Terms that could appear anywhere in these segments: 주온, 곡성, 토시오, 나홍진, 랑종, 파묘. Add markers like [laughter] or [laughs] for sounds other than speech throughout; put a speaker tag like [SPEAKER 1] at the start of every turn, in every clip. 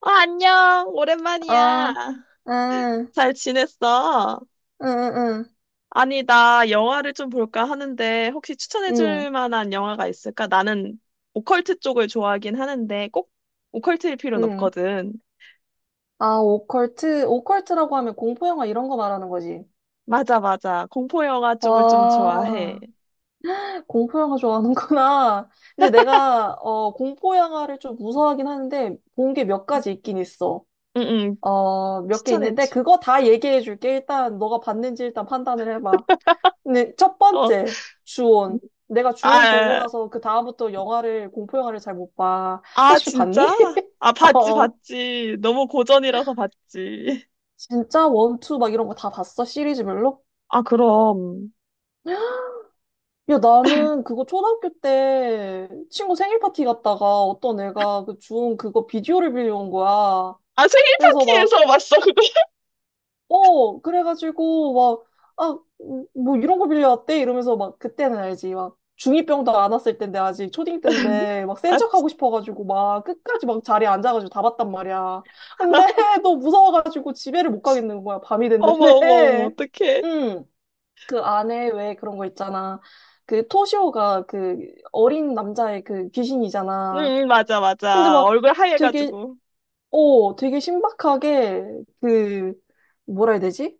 [SPEAKER 1] 안녕.
[SPEAKER 2] 아,
[SPEAKER 1] 오랜만이야.
[SPEAKER 2] 아, 응,
[SPEAKER 1] 잘 지냈어?
[SPEAKER 2] 응, 응,
[SPEAKER 1] 아니, 나 영화를 좀 볼까 하는데, 혹시
[SPEAKER 2] 응,
[SPEAKER 1] 추천해줄 만한 영화가 있을까? 나는 오컬트 쪽을 좋아하긴 하는데, 꼭 오컬트일 필요는
[SPEAKER 2] 응.
[SPEAKER 1] 없거든.
[SPEAKER 2] 아, 오컬트. 오컬트라고 하면 공포영화 이런 거 말하는 거지.
[SPEAKER 1] 맞아, 맞아. 공포 영화 쪽을 좀 좋아해.
[SPEAKER 2] 와, 공포영화 좋아하는구나. [laughs] 근데 내가, 공포영화를 좀 무서워하긴 하는데, 본 게 몇 가지 있긴 있어.
[SPEAKER 1] 응, 응.
[SPEAKER 2] 몇 개 있는데,
[SPEAKER 1] 추천해줘.
[SPEAKER 2] 그거 다 얘기해 줄게. 일단, 너가 봤는지 일단 판단을 해봐. 근데 첫
[SPEAKER 1] 어,
[SPEAKER 2] 번째, 주온. 내가 주온 보고
[SPEAKER 1] 아,
[SPEAKER 2] 나서 그 다음부터 영화를, 공포영화를 잘 못 봐. 혹시
[SPEAKER 1] 진짜?
[SPEAKER 2] 봤니? [laughs]
[SPEAKER 1] 아, 봤지,
[SPEAKER 2] 어.
[SPEAKER 1] 봤지. 너무 고전이라서 봤지.
[SPEAKER 2] 진짜 원투 막 이런 거 다 봤어? 시리즈별로?
[SPEAKER 1] 아, 그럼.
[SPEAKER 2] 야, 나는 그거 초등학교 때 친구 생일 파티 갔다가 어떤 애가 그 준 그거 비디오를 빌려온 거야.
[SPEAKER 1] 아, 생일
[SPEAKER 2] 그래서 막,
[SPEAKER 1] 파티에서 봤어, 그거. [laughs]
[SPEAKER 2] 그래가지고 막, 뭐 이런 거 빌려왔대? 이러면서 막 그때는 알지. 막 중2병도 안 왔을 텐데 아직 초딩 때인데 막 센
[SPEAKER 1] 맞지?
[SPEAKER 2] 척하고 싶어가지고 막 끝까지 막 자리에 앉아가지고 다 봤단 말이야. 근데 [laughs] 너 무서워가지고 집에를 못 가겠는 거야. 밤이
[SPEAKER 1] 어머, 어머, 어머,
[SPEAKER 2] 됐는데. [laughs]
[SPEAKER 1] 어떡해.
[SPEAKER 2] 응. 그 안에 왜 그런 거 있잖아. 그 토시오가 그 어린 남자의 그
[SPEAKER 1] 응,
[SPEAKER 2] 귀신이잖아.
[SPEAKER 1] 응, 맞아,
[SPEAKER 2] 근데
[SPEAKER 1] 맞아.
[SPEAKER 2] 막
[SPEAKER 1] 얼굴
[SPEAKER 2] 되게,
[SPEAKER 1] 하얘가지고.
[SPEAKER 2] 되게 신박하게 그, 뭐라 해야 되지?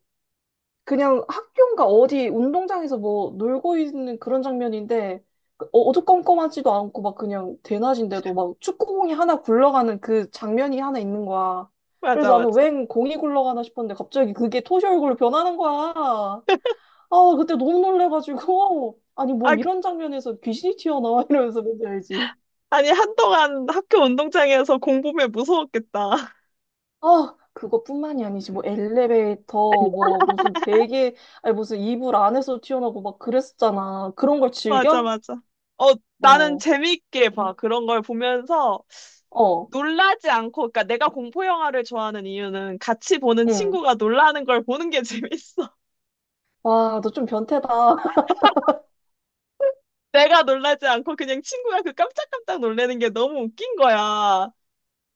[SPEAKER 2] 그냥 학교인가 어디 운동장에서 뭐 놀고 있는 그런 장면인데 그 어두컴컴하지도 않고 막 그냥 대낮인데도 막 축구공이 하나 굴러가는 그 장면이 하나 있는 거야.
[SPEAKER 1] 맞아,
[SPEAKER 2] 그래서 나는
[SPEAKER 1] 맞아.
[SPEAKER 2] 웬 공이 굴러가나 싶었는데 갑자기 그게 토시 얼굴로 변하는 거야. 아, 그때 너무 놀래가지고. [laughs] 아니, 뭐
[SPEAKER 1] 아, 그-
[SPEAKER 2] 이런 장면에서 귀신이 튀어나와 이러면서 뭔지 알지?
[SPEAKER 1] 아니, 한동안 학교 운동장에서 공부면 무서웠겠다. [laughs]
[SPEAKER 2] 아, 그것뿐만이 아니지. 뭐 엘리베이터, 뭐 무슨 베개, 아니 무슨 이불 안에서 튀어나오고 막 그랬었잖아. 그런 걸
[SPEAKER 1] 맞아,
[SPEAKER 2] 즐겨?
[SPEAKER 1] 맞아. 어, 나는
[SPEAKER 2] 어,
[SPEAKER 1] 재미있게 봐. 그런 걸 보면서
[SPEAKER 2] 어,
[SPEAKER 1] 놀라지 않고, 그러니까 내가 공포 영화를 좋아하는 이유는 같이 보는
[SPEAKER 2] 응.
[SPEAKER 1] 친구가 놀라는 걸 보는 게 [laughs] 재밌어.
[SPEAKER 2] 와, 너 좀 변태다. [laughs]
[SPEAKER 1] 내가 놀라지 않고 그냥 친구가 그 깜짝깜짝 놀라는 게 너무 웃긴 거야.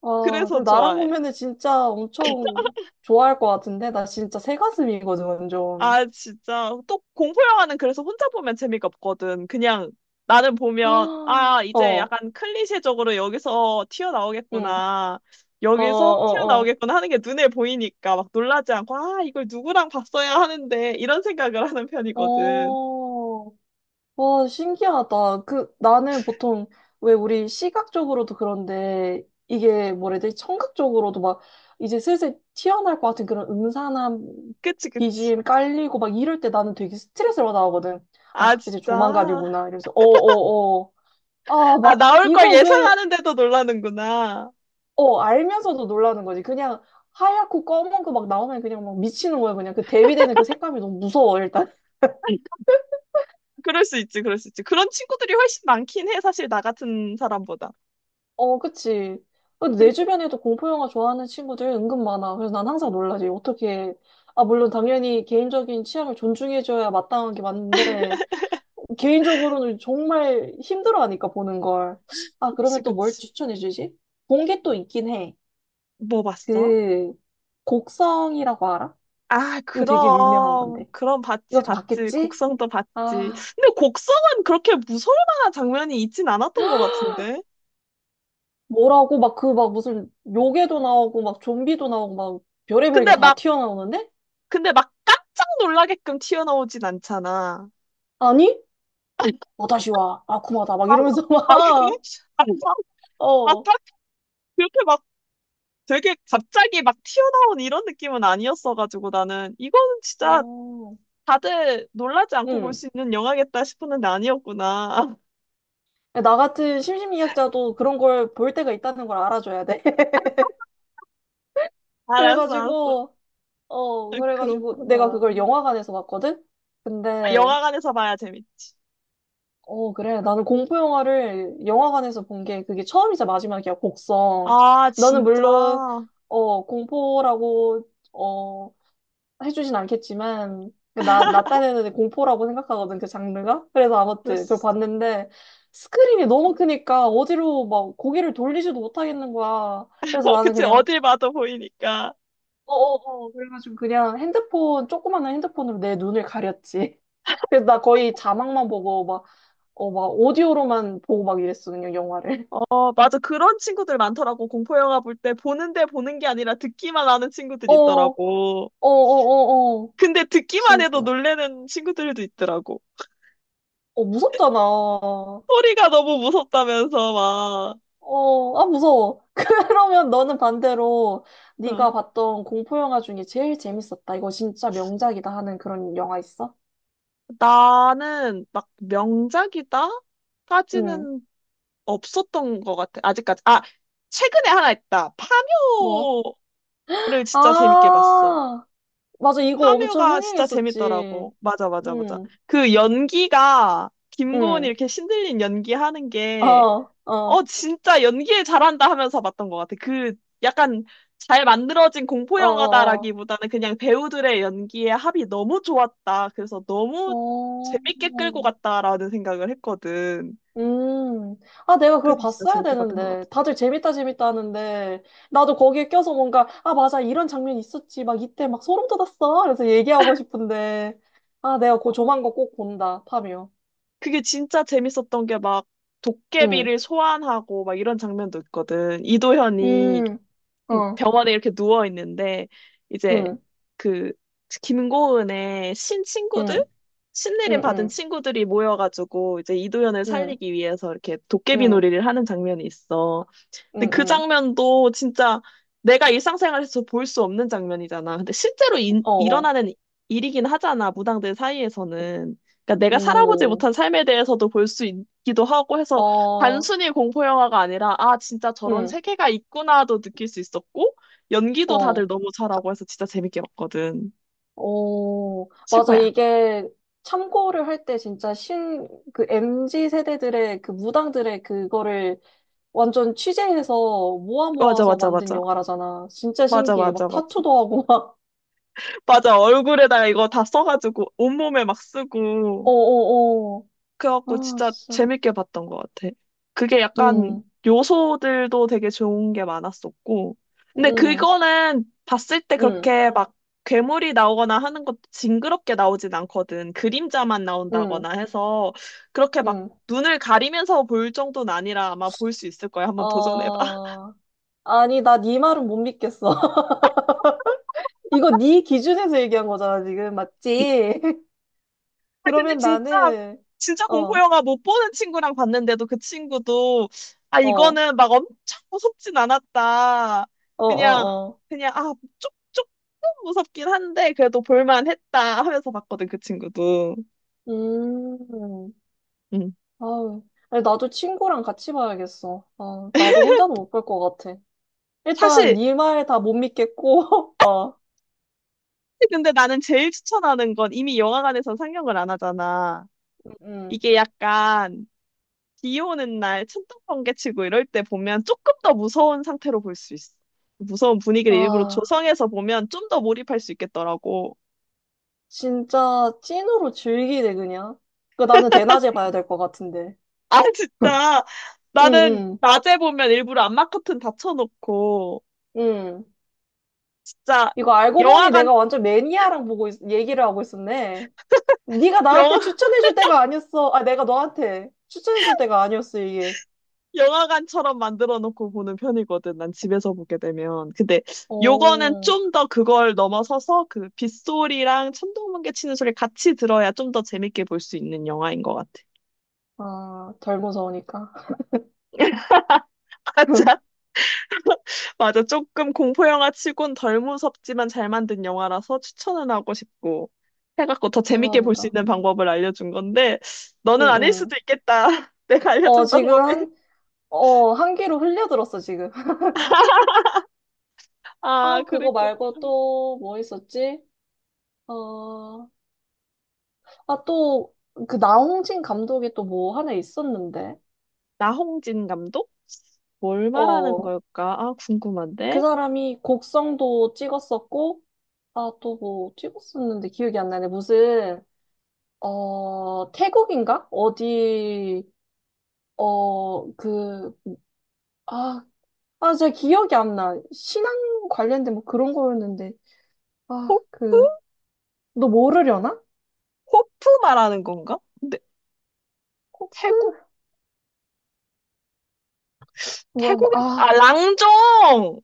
[SPEAKER 2] 와,
[SPEAKER 1] 그래서
[SPEAKER 2] 그럼 나랑
[SPEAKER 1] 좋아해.
[SPEAKER 2] 보면은 진짜 엄청 좋아할 것 같은데? 나 진짜 새가슴이거든, 완전.
[SPEAKER 1] 아, 진짜. 또 공포 영화는 그래서 혼자 보면 재미가 없거든. 그냥 나는
[SPEAKER 2] [gasps]
[SPEAKER 1] 보면,
[SPEAKER 2] 아,
[SPEAKER 1] 아, 이제
[SPEAKER 2] 어,
[SPEAKER 1] 약간 클리셰적으로 여기서
[SPEAKER 2] 응.
[SPEAKER 1] 튀어나오겠구나.
[SPEAKER 2] 어, 어,
[SPEAKER 1] 여기서
[SPEAKER 2] 어.
[SPEAKER 1] 튀어나오겠구나 하는 게 눈에 보이니까 막 놀라지 않고, 아, 이걸 누구랑 봤어야 하는데, 이런 생각을 하는 편이거든.
[SPEAKER 2] 어, 와, 신기하다. 그, 나는 보통, 왜 우리 시각적으로도 그런데, 이게 뭐라 해야 되지? 청각적으로도 막, 이제 슬슬 튀어나올 것 같은 그런 음산한
[SPEAKER 1] 그치, 그치.
[SPEAKER 2] BGM 깔리고 막 이럴 때 나는 되게 스트레스를 받아하거든.
[SPEAKER 1] 아,
[SPEAKER 2] 아, 이제
[SPEAKER 1] 진짜.
[SPEAKER 2] 조만간이구나. 이래서, 어, 어, 어. 아,
[SPEAKER 1] 아,
[SPEAKER 2] 막,
[SPEAKER 1] 나올 걸
[SPEAKER 2] 이걸 왜,
[SPEAKER 1] 예상하는데도 놀라는구나.
[SPEAKER 2] 어, 알면서도 놀라는 거지. 그냥 하얗고 검은 거 막 나오면 그냥 막 미치는 거야. 그냥 그 대비되는 그 색감이 너무 무서워, 일단.
[SPEAKER 1] 그럴 수 있지, 그럴 수 있지. 그런 친구들이 훨씬 많긴 해, 사실 나 같은 사람보다.
[SPEAKER 2] 어, 그치. 근데 내 주변에도 공포 영화 좋아하는 친구들 은근 많아. 그래서 난 항상 놀라지. 어떻게, 아, 물론 당연히 개인적인 취향을 존중해줘야 마땅한 게 맞는데, 개인적으로는 정말 힘들어하니까 보는 걸. 아,
[SPEAKER 1] 그치,
[SPEAKER 2] 그러면 또 뭘
[SPEAKER 1] 그치.
[SPEAKER 2] 추천해주지? 본 게 또 있긴 해.
[SPEAKER 1] 뭐 봤어?
[SPEAKER 2] 그, 곡성이라고 알아?
[SPEAKER 1] 아,
[SPEAKER 2] 이거 되게 유명한
[SPEAKER 1] 그럼,
[SPEAKER 2] 건데.
[SPEAKER 1] 그럼 봤지,
[SPEAKER 2] 이것도
[SPEAKER 1] 봤지.
[SPEAKER 2] 봤겠지?
[SPEAKER 1] 곡성도 봤지.
[SPEAKER 2] 아,
[SPEAKER 1] 근데 곡성은 그렇게 무서울 만한 장면이 있진 않았던 것 같은데.
[SPEAKER 2] 뭐라고 막 그 막 무슨 요괴도 나오고 막 좀비도 나오고 막 별의별 게
[SPEAKER 1] 근데
[SPEAKER 2] 다
[SPEAKER 1] 막,
[SPEAKER 2] 튀어나오는데?
[SPEAKER 1] 근데 막 깜짝 놀라게끔 튀어나오진 않잖아.
[SPEAKER 2] 아니?
[SPEAKER 1] 아,
[SPEAKER 2] 뭐다시 와, 아쿠마다, 막
[SPEAKER 1] 아,
[SPEAKER 2] 이러면서 [laughs]
[SPEAKER 1] 그래?
[SPEAKER 2] 막,
[SPEAKER 1] 아, 아,
[SPEAKER 2] 어,
[SPEAKER 1] 딱 그렇게 막 되게 갑자기 막 튀어나온 이런 느낌은 아니었어가지고 나는 이거는 진짜
[SPEAKER 2] 어,
[SPEAKER 1] 다들 놀라지 않고 볼
[SPEAKER 2] 응.
[SPEAKER 1] 수 있는 영화겠다 싶었는데 아니었구나.
[SPEAKER 2] 나 같은 심심미학자도 그런 걸 볼 때가 있다는 걸 알아줘야 돼. [laughs]
[SPEAKER 1] [laughs] 알았어, 알았어.
[SPEAKER 2] 그래가지고, 어,
[SPEAKER 1] 아,
[SPEAKER 2] 그래가지고 내가
[SPEAKER 1] 그렇구나.
[SPEAKER 2] 그걸 영화관에서 봤거든?
[SPEAKER 1] 아,
[SPEAKER 2] 근데,
[SPEAKER 1] 영화관에서 봐야 재밌지.
[SPEAKER 2] 그래. 나는 공포 영화를 영화관에서 본 게 그게 처음이자 마지막이야, 곡성.
[SPEAKER 1] 아,
[SPEAKER 2] 너는
[SPEAKER 1] 진짜.
[SPEAKER 2] 물론, 공포라고, 어, 해주진 않겠지만, 그 나
[SPEAKER 1] [laughs]
[SPEAKER 2] 딴에는 공포라고 생각하거든, 그 장르가. 그래서
[SPEAKER 1] 그럴
[SPEAKER 2] 아무튼 그걸
[SPEAKER 1] 수 있어.
[SPEAKER 2] 봤는데, 스크린이 너무 크니까 어디로 막 고개를 돌리지도 못하겠는 거야. 그래서
[SPEAKER 1] [laughs]
[SPEAKER 2] 나는
[SPEAKER 1] 그치,
[SPEAKER 2] 그냥,
[SPEAKER 1] 어딜 봐도 보이니까.
[SPEAKER 2] 그래가지고 그냥 핸드폰, 조그마한 핸드폰으로 내 눈을 가렸지. [laughs] 그래서 나 거의 자막만 보고 막, 막 오디오로만 보고 막 이랬어, 그냥 영화를.
[SPEAKER 1] 어, 맞아. 그런 친구들 많더라고. 공포 영화 볼 때 보는데 보는 게 아니라 듣기만 하는
[SPEAKER 2] [laughs] 어,
[SPEAKER 1] 친구들이
[SPEAKER 2] 어,
[SPEAKER 1] 있더라고.
[SPEAKER 2] 어, 어, 어.
[SPEAKER 1] 근데 듣기만 해도
[SPEAKER 2] 진짜.
[SPEAKER 1] 놀래는 친구들도 있더라고.
[SPEAKER 2] 어, 무섭잖아.
[SPEAKER 1] 소리가 너무 무섭다면서 막.
[SPEAKER 2] 어, 아, 무서워. [laughs] 그러면 너는 반대로
[SPEAKER 1] 어.
[SPEAKER 2] 네가 봤던 공포 영화 중에 제일 재밌었다. 이거 진짜 명작이다 하는 그런 영화 있어?
[SPEAKER 1] 나는 막 명작이다?
[SPEAKER 2] 응.
[SPEAKER 1] 까지는 없었던 것 같아. 아직까지. 아, 최근에 하나 있다.
[SPEAKER 2] 뭐?
[SPEAKER 1] 파묘를 진짜 재밌게 봤어.
[SPEAKER 2] 아, 맞아. 이거 엄청
[SPEAKER 1] 파묘가 진짜
[SPEAKER 2] 흥행했었지.
[SPEAKER 1] 재밌더라고. 맞아, 맞아, 맞아.
[SPEAKER 2] 응,
[SPEAKER 1] 연기가, 김고은이
[SPEAKER 2] 응.
[SPEAKER 1] 이렇게 신들린 연기 하는
[SPEAKER 2] 어,
[SPEAKER 1] 게,
[SPEAKER 2] 어,
[SPEAKER 1] 어,
[SPEAKER 2] 어,
[SPEAKER 1] 진짜 연기를 잘한다 하면서 봤던 것 같아. 약간 잘 만들어진 공포
[SPEAKER 2] 어,
[SPEAKER 1] 영화다라기보다는 그냥 배우들의 연기의 합이 너무 좋았다. 그래서 너무
[SPEAKER 2] 어.
[SPEAKER 1] 재밌게 끌고
[SPEAKER 2] 어,
[SPEAKER 1] 갔다라는 생각을 했거든.
[SPEAKER 2] 음, 아, 내가 그걸
[SPEAKER 1] 그래서 진짜
[SPEAKER 2] 봤어야
[SPEAKER 1] 재밌게 봤던 것
[SPEAKER 2] 되는데.
[SPEAKER 1] 같아.
[SPEAKER 2] 다들 재밌다, 재밌다 하는데. 나도 거기에 껴서 뭔가, 아, 맞아, 이런 장면 있었지. 막 이때 막 소름 돋았어. 그래서 얘기하고 싶은데. 아, 내가 그
[SPEAKER 1] 어,
[SPEAKER 2] 조만간 꼭 본다, 파묘.
[SPEAKER 1] 그게 진짜 재밌었던 게 막,
[SPEAKER 2] 응,
[SPEAKER 1] 도깨비를 소환하고 막 이런 장면도 있거든. 이도현이
[SPEAKER 2] 음, 어,
[SPEAKER 1] 병원에 이렇게 누워 있는데 이제
[SPEAKER 2] 응,
[SPEAKER 1] 그 김고은의 신 친구들
[SPEAKER 2] 응, 응,
[SPEAKER 1] 신내림 받은
[SPEAKER 2] 응,
[SPEAKER 1] 친구들이 모여가지고 이제 이도현을
[SPEAKER 2] 응, 응,
[SPEAKER 1] 살리기 위해서 이렇게 도깨비
[SPEAKER 2] 응,
[SPEAKER 1] 놀이를 하는 장면이 있어.
[SPEAKER 2] 응,
[SPEAKER 1] 근데 그
[SPEAKER 2] 응.
[SPEAKER 1] 장면도 진짜 내가 일상생활에서 볼 수 없는 장면이잖아. 근데 실제로
[SPEAKER 2] 어, 어,
[SPEAKER 1] 일어나는 일이긴 하잖아, 무당들 사이에서는. 그러니까 내가 살아보지
[SPEAKER 2] 오,
[SPEAKER 1] 못한 삶에 대해서도 볼 수 있기도 하고 해서
[SPEAKER 2] 어,
[SPEAKER 1] 단순히 공포 영화가 아니라 아, 진짜 저런
[SPEAKER 2] 응,
[SPEAKER 1] 세계가 있구나도 느낄 수 있었고 연기도 다들
[SPEAKER 2] 어.
[SPEAKER 1] 너무 잘하고 해서 진짜 재밌게 봤거든.
[SPEAKER 2] 어, 맞아.
[SPEAKER 1] 최고야.
[SPEAKER 2] 이게 참고를 할 때 진짜 그 MZ 세대들의 그 무당들의 그거를 완전 취재해서 모아
[SPEAKER 1] 맞아,
[SPEAKER 2] 모아서
[SPEAKER 1] 맞아,
[SPEAKER 2] 만든
[SPEAKER 1] 맞아.
[SPEAKER 2] 영화라잖아. 진짜
[SPEAKER 1] 맞아,
[SPEAKER 2] 신기해. 막
[SPEAKER 1] 맞아, 맞아.
[SPEAKER 2] 타투도 하고 막.
[SPEAKER 1] 맞아, 얼굴에다가 이거 다 써가지고 온몸에 막
[SPEAKER 2] [laughs]
[SPEAKER 1] 쓰고.
[SPEAKER 2] 어어어.
[SPEAKER 1] 그래갖고
[SPEAKER 2] 아,
[SPEAKER 1] 진짜
[SPEAKER 2] 진짜.
[SPEAKER 1] 재밌게 봤던 것 같아. 그게 약간
[SPEAKER 2] 응,
[SPEAKER 1] 요소들도 되게 좋은 게 많았었고. 근데
[SPEAKER 2] 응,
[SPEAKER 1] 그거는 봤을 때
[SPEAKER 2] 응,
[SPEAKER 1] 그렇게 막 괴물이 나오거나 하는 것도 징그럽게 나오진 않거든. 그림자만
[SPEAKER 2] 응,
[SPEAKER 1] 나온다거나 해서 그렇게 막
[SPEAKER 2] 응.
[SPEAKER 1] 눈을 가리면서 볼 정도는 아니라 아마 볼 수 있을 거야. 한번 도전해봐.
[SPEAKER 2] 아 아니, 나 네 말은 못 믿겠어. [laughs] 이거 네 기준에서 얘기한 거잖아, 지금.
[SPEAKER 1] [laughs]
[SPEAKER 2] 맞지? [laughs]
[SPEAKER 1] 아, 근데
[SPEAKER 2] 그러면
[SPEAKER 1] 진짜,
[SPEAKER 2] 나는,
[SPEAKER 1] 진짜
[SPEAKER 2] 어, 어,
[SPEAKER 1] 공포영화 못 보는 친구랑 봤는데도 그 친구도, 아,
[SPEAKER 2] 어,
[SPEAKER 1] 이거는 막 엄청 무섭진 않았다.
[SPEAKER 2] 어,
[SPEAKER 1] 그냥,
[SPEAKER 2] 어.
[SPEAKER 1] 그냥, 조금 무섭긴 한데, 그래도 볼만했다 하면서 봤거든, 그 친구도.
[SPEAKER 2] 음,
[SPEAKER 1] 음.
[SPEAKER 2] 아유. 아니, 나도 친구랑 같이 봐야겠어. 아, 나도 혼자는 못 볼 것 같아. 일단
[SPEAKER 1] 사실,
[SPEAKER 2] 네 말 다 못 믿겠고, [laughs] 어,
[SPEAKER 1] 근데 나는 제일 추천하는 건 이미 영화관에서 상영을 안 하잖아.
[SPEAKER 2] 음.
[SPEAKER 1] 이게 약간, 비 오는 날 천둥 번개 치고 이럴 때 보면 조금 더 무서운 상태로 볼 수 있어. 무서운 분위기를 일부러
[SPEAKER 2] 아,
[SPEAKER 1] 조성해서 보면 좀 더 몰입할 수 있겠더라고.
[SPEAKER 2] 진짜 찐으로 즐기네, 그냥. 그 나는 대낮에 봐야 될 것 같은데.
[SPEAKER 1] 아,
[SPEAKER 2] [laughs]
[SPEAKER 1] 진짜.
[SPEAKER 2] 응,
[SPEAKER 1] 나는
[SPEAKER 2] 응,
[SPEAKER 1] 낮에 보면 일부러 안마 커튼 닫혀놓고
[SPEAKER 2] 응.
[SPEAKER 1] 진짜
[SPEAKER 2] 이거 알고 보니
[SPEAKER 1] 영화관,
[SPEAKER 2] 내가 완전 매니아랑 얘기를 하고 있었네. 네가
[SPEAKER 1] 영화,
[SPEAKER 2] 나한테
[SPEAKER 1] [laughs]
[SPEAKER 2] 추천해줄 때가 아니었어. 아, 내가 너한테 추천해줄 때가 아니었어, 이게.
[SPEAKER 1] 영화관처럼 만들어 놓고 보는 편이거든. 난 집에서 보게 되면. 근데 요거는
[SPEAKER 2] 오,
[SPEAKER 1] 좀 더 그걸 넘어서서 그 빗소리랑 천둥번개 치는 소리 같이 들어야 좀 더 재밌게 볼 수 있는 영화인 것 같아.
[SPEAKER 2] 아, 덜 무서우니까.
[SPEAKER 1] [laughs]
[SPEAKER 2] [laughs]
[SPEAKER 1] 맞아. 맞아. 조금 공포 영화 치곤 덜 무섭지만 잘 만든 영화라서 추천은 하고 싶고 해갖고 더 재밌게 볼 수
[SPEAKER 2] 대박이다.
[SPEAKER 1] 있는 방법을 알려준 건데
[SPEAKER 2] 응,
[SPEAKER 1] 너는 아닐
[SPEAKER 2] 응.
[SPEAKER 1] 수도 있겠다. [laughs] 내가
[SPEAKER 2] 어,
[SPEAKER 1] 알려준
[SPEAKER 2] 지금
[SPEAKER 1] 방법이.
[SPEAKER 2] 한 귀로 흘려들었어, 지금. [laughs]
[SPEAKER 1] 아,
[SPEAKER 2] 아, 그거
[SPEAKER 1] 그랬구나.
[SPEAKER 2] 말고 또 뭐 있었지? 어, 또, 그 나홍진 감독이 또 뭐 하나 있었는데.
[SPEAKER 1] 나홍진 감독? 뭘 말하는
[SPEAKER 2] 어,
[SPEAKER 1] 걸까? 아,
[SPEAKER 2] 그
[SPEAKER 1] 궁금한데.
[SPEAKER 2] 사람이 곡성도 찍었었고, 아, 또 뭐 찍었었는데 기억이 안 나네. 무슨, 태국인가? 어디, 어, 그, 아, 제가 기억이 안 나. 신앙 관련된 뭐 그런 거였는데. 아,
[SPEAKER 1] 호프?
[SPEAKER 2] 너 모르려나?
[SPEAKER 1] 호프 말하는 건가? 근데
[SPEAKER 2] 코프?
[SPEAKER 1] 태국?
[SPEAKER 2] 뭐, 뭐,
[SPEAKER 1] 태국인? 아, 랑종!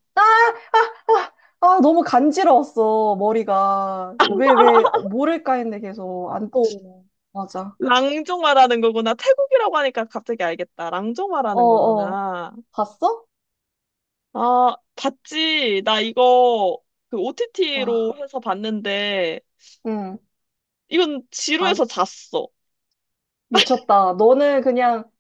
[SPEAKER 2] 너무 간지러웠어, 머리가. 왜, 모를까 했는데 계속 안 떠오르네. 맞아.
[SPEAKER 1] 랑종 말하는 거구나. 태국이라고 하니까 갑자기 알겠다. 랑종
[SPEAKER 2] 어,
[SPEAKER 1] 말하는
[SPEAKER 2] 어.
[SPEAKER 1] 거구나.
[SPEAKER 2] 봤어?
[SPEAKER 1] 아, 봤지. 나 이거
[SPEAKER 2] 와,
[SPEAKER 1] OTT로 해서 봤는데,
[SPEAKER 2] 응.
[SPEAKER 1] 이건
[SPEAKER 2] 아,
[SPEAKER 1] 지루해서 잤어.
[SPEAKER 2] 미쳤다. 너는 그냥,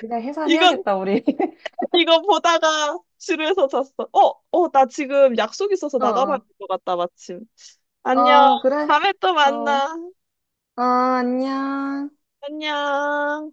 [SPEAKER 2] 그냥
[SPEAKER 1] 이건,
[SPEAKER 2] 해산해야겠다, 우리. [laughs]
[SPEAKER 1] 이거 보다가 지루해서 잤어. 어, 어, 나 지금 약속 있어서
[SPEAKER 2] 어,
[SPEAKER 1] 나가봐야
[SPEAKER 2] 어.
[SPEAKER 1] 될 것 같다, 마침. 안녕.
[SPEAKER 2] 아, 그래?
[SPEAKER 1] 다음에 또
[SPEAKER 2] 어,
[SPEAKER 1] 만나.
[SPEAKER 2] 아, 안녕.
[SPEAKER 1] 안녕.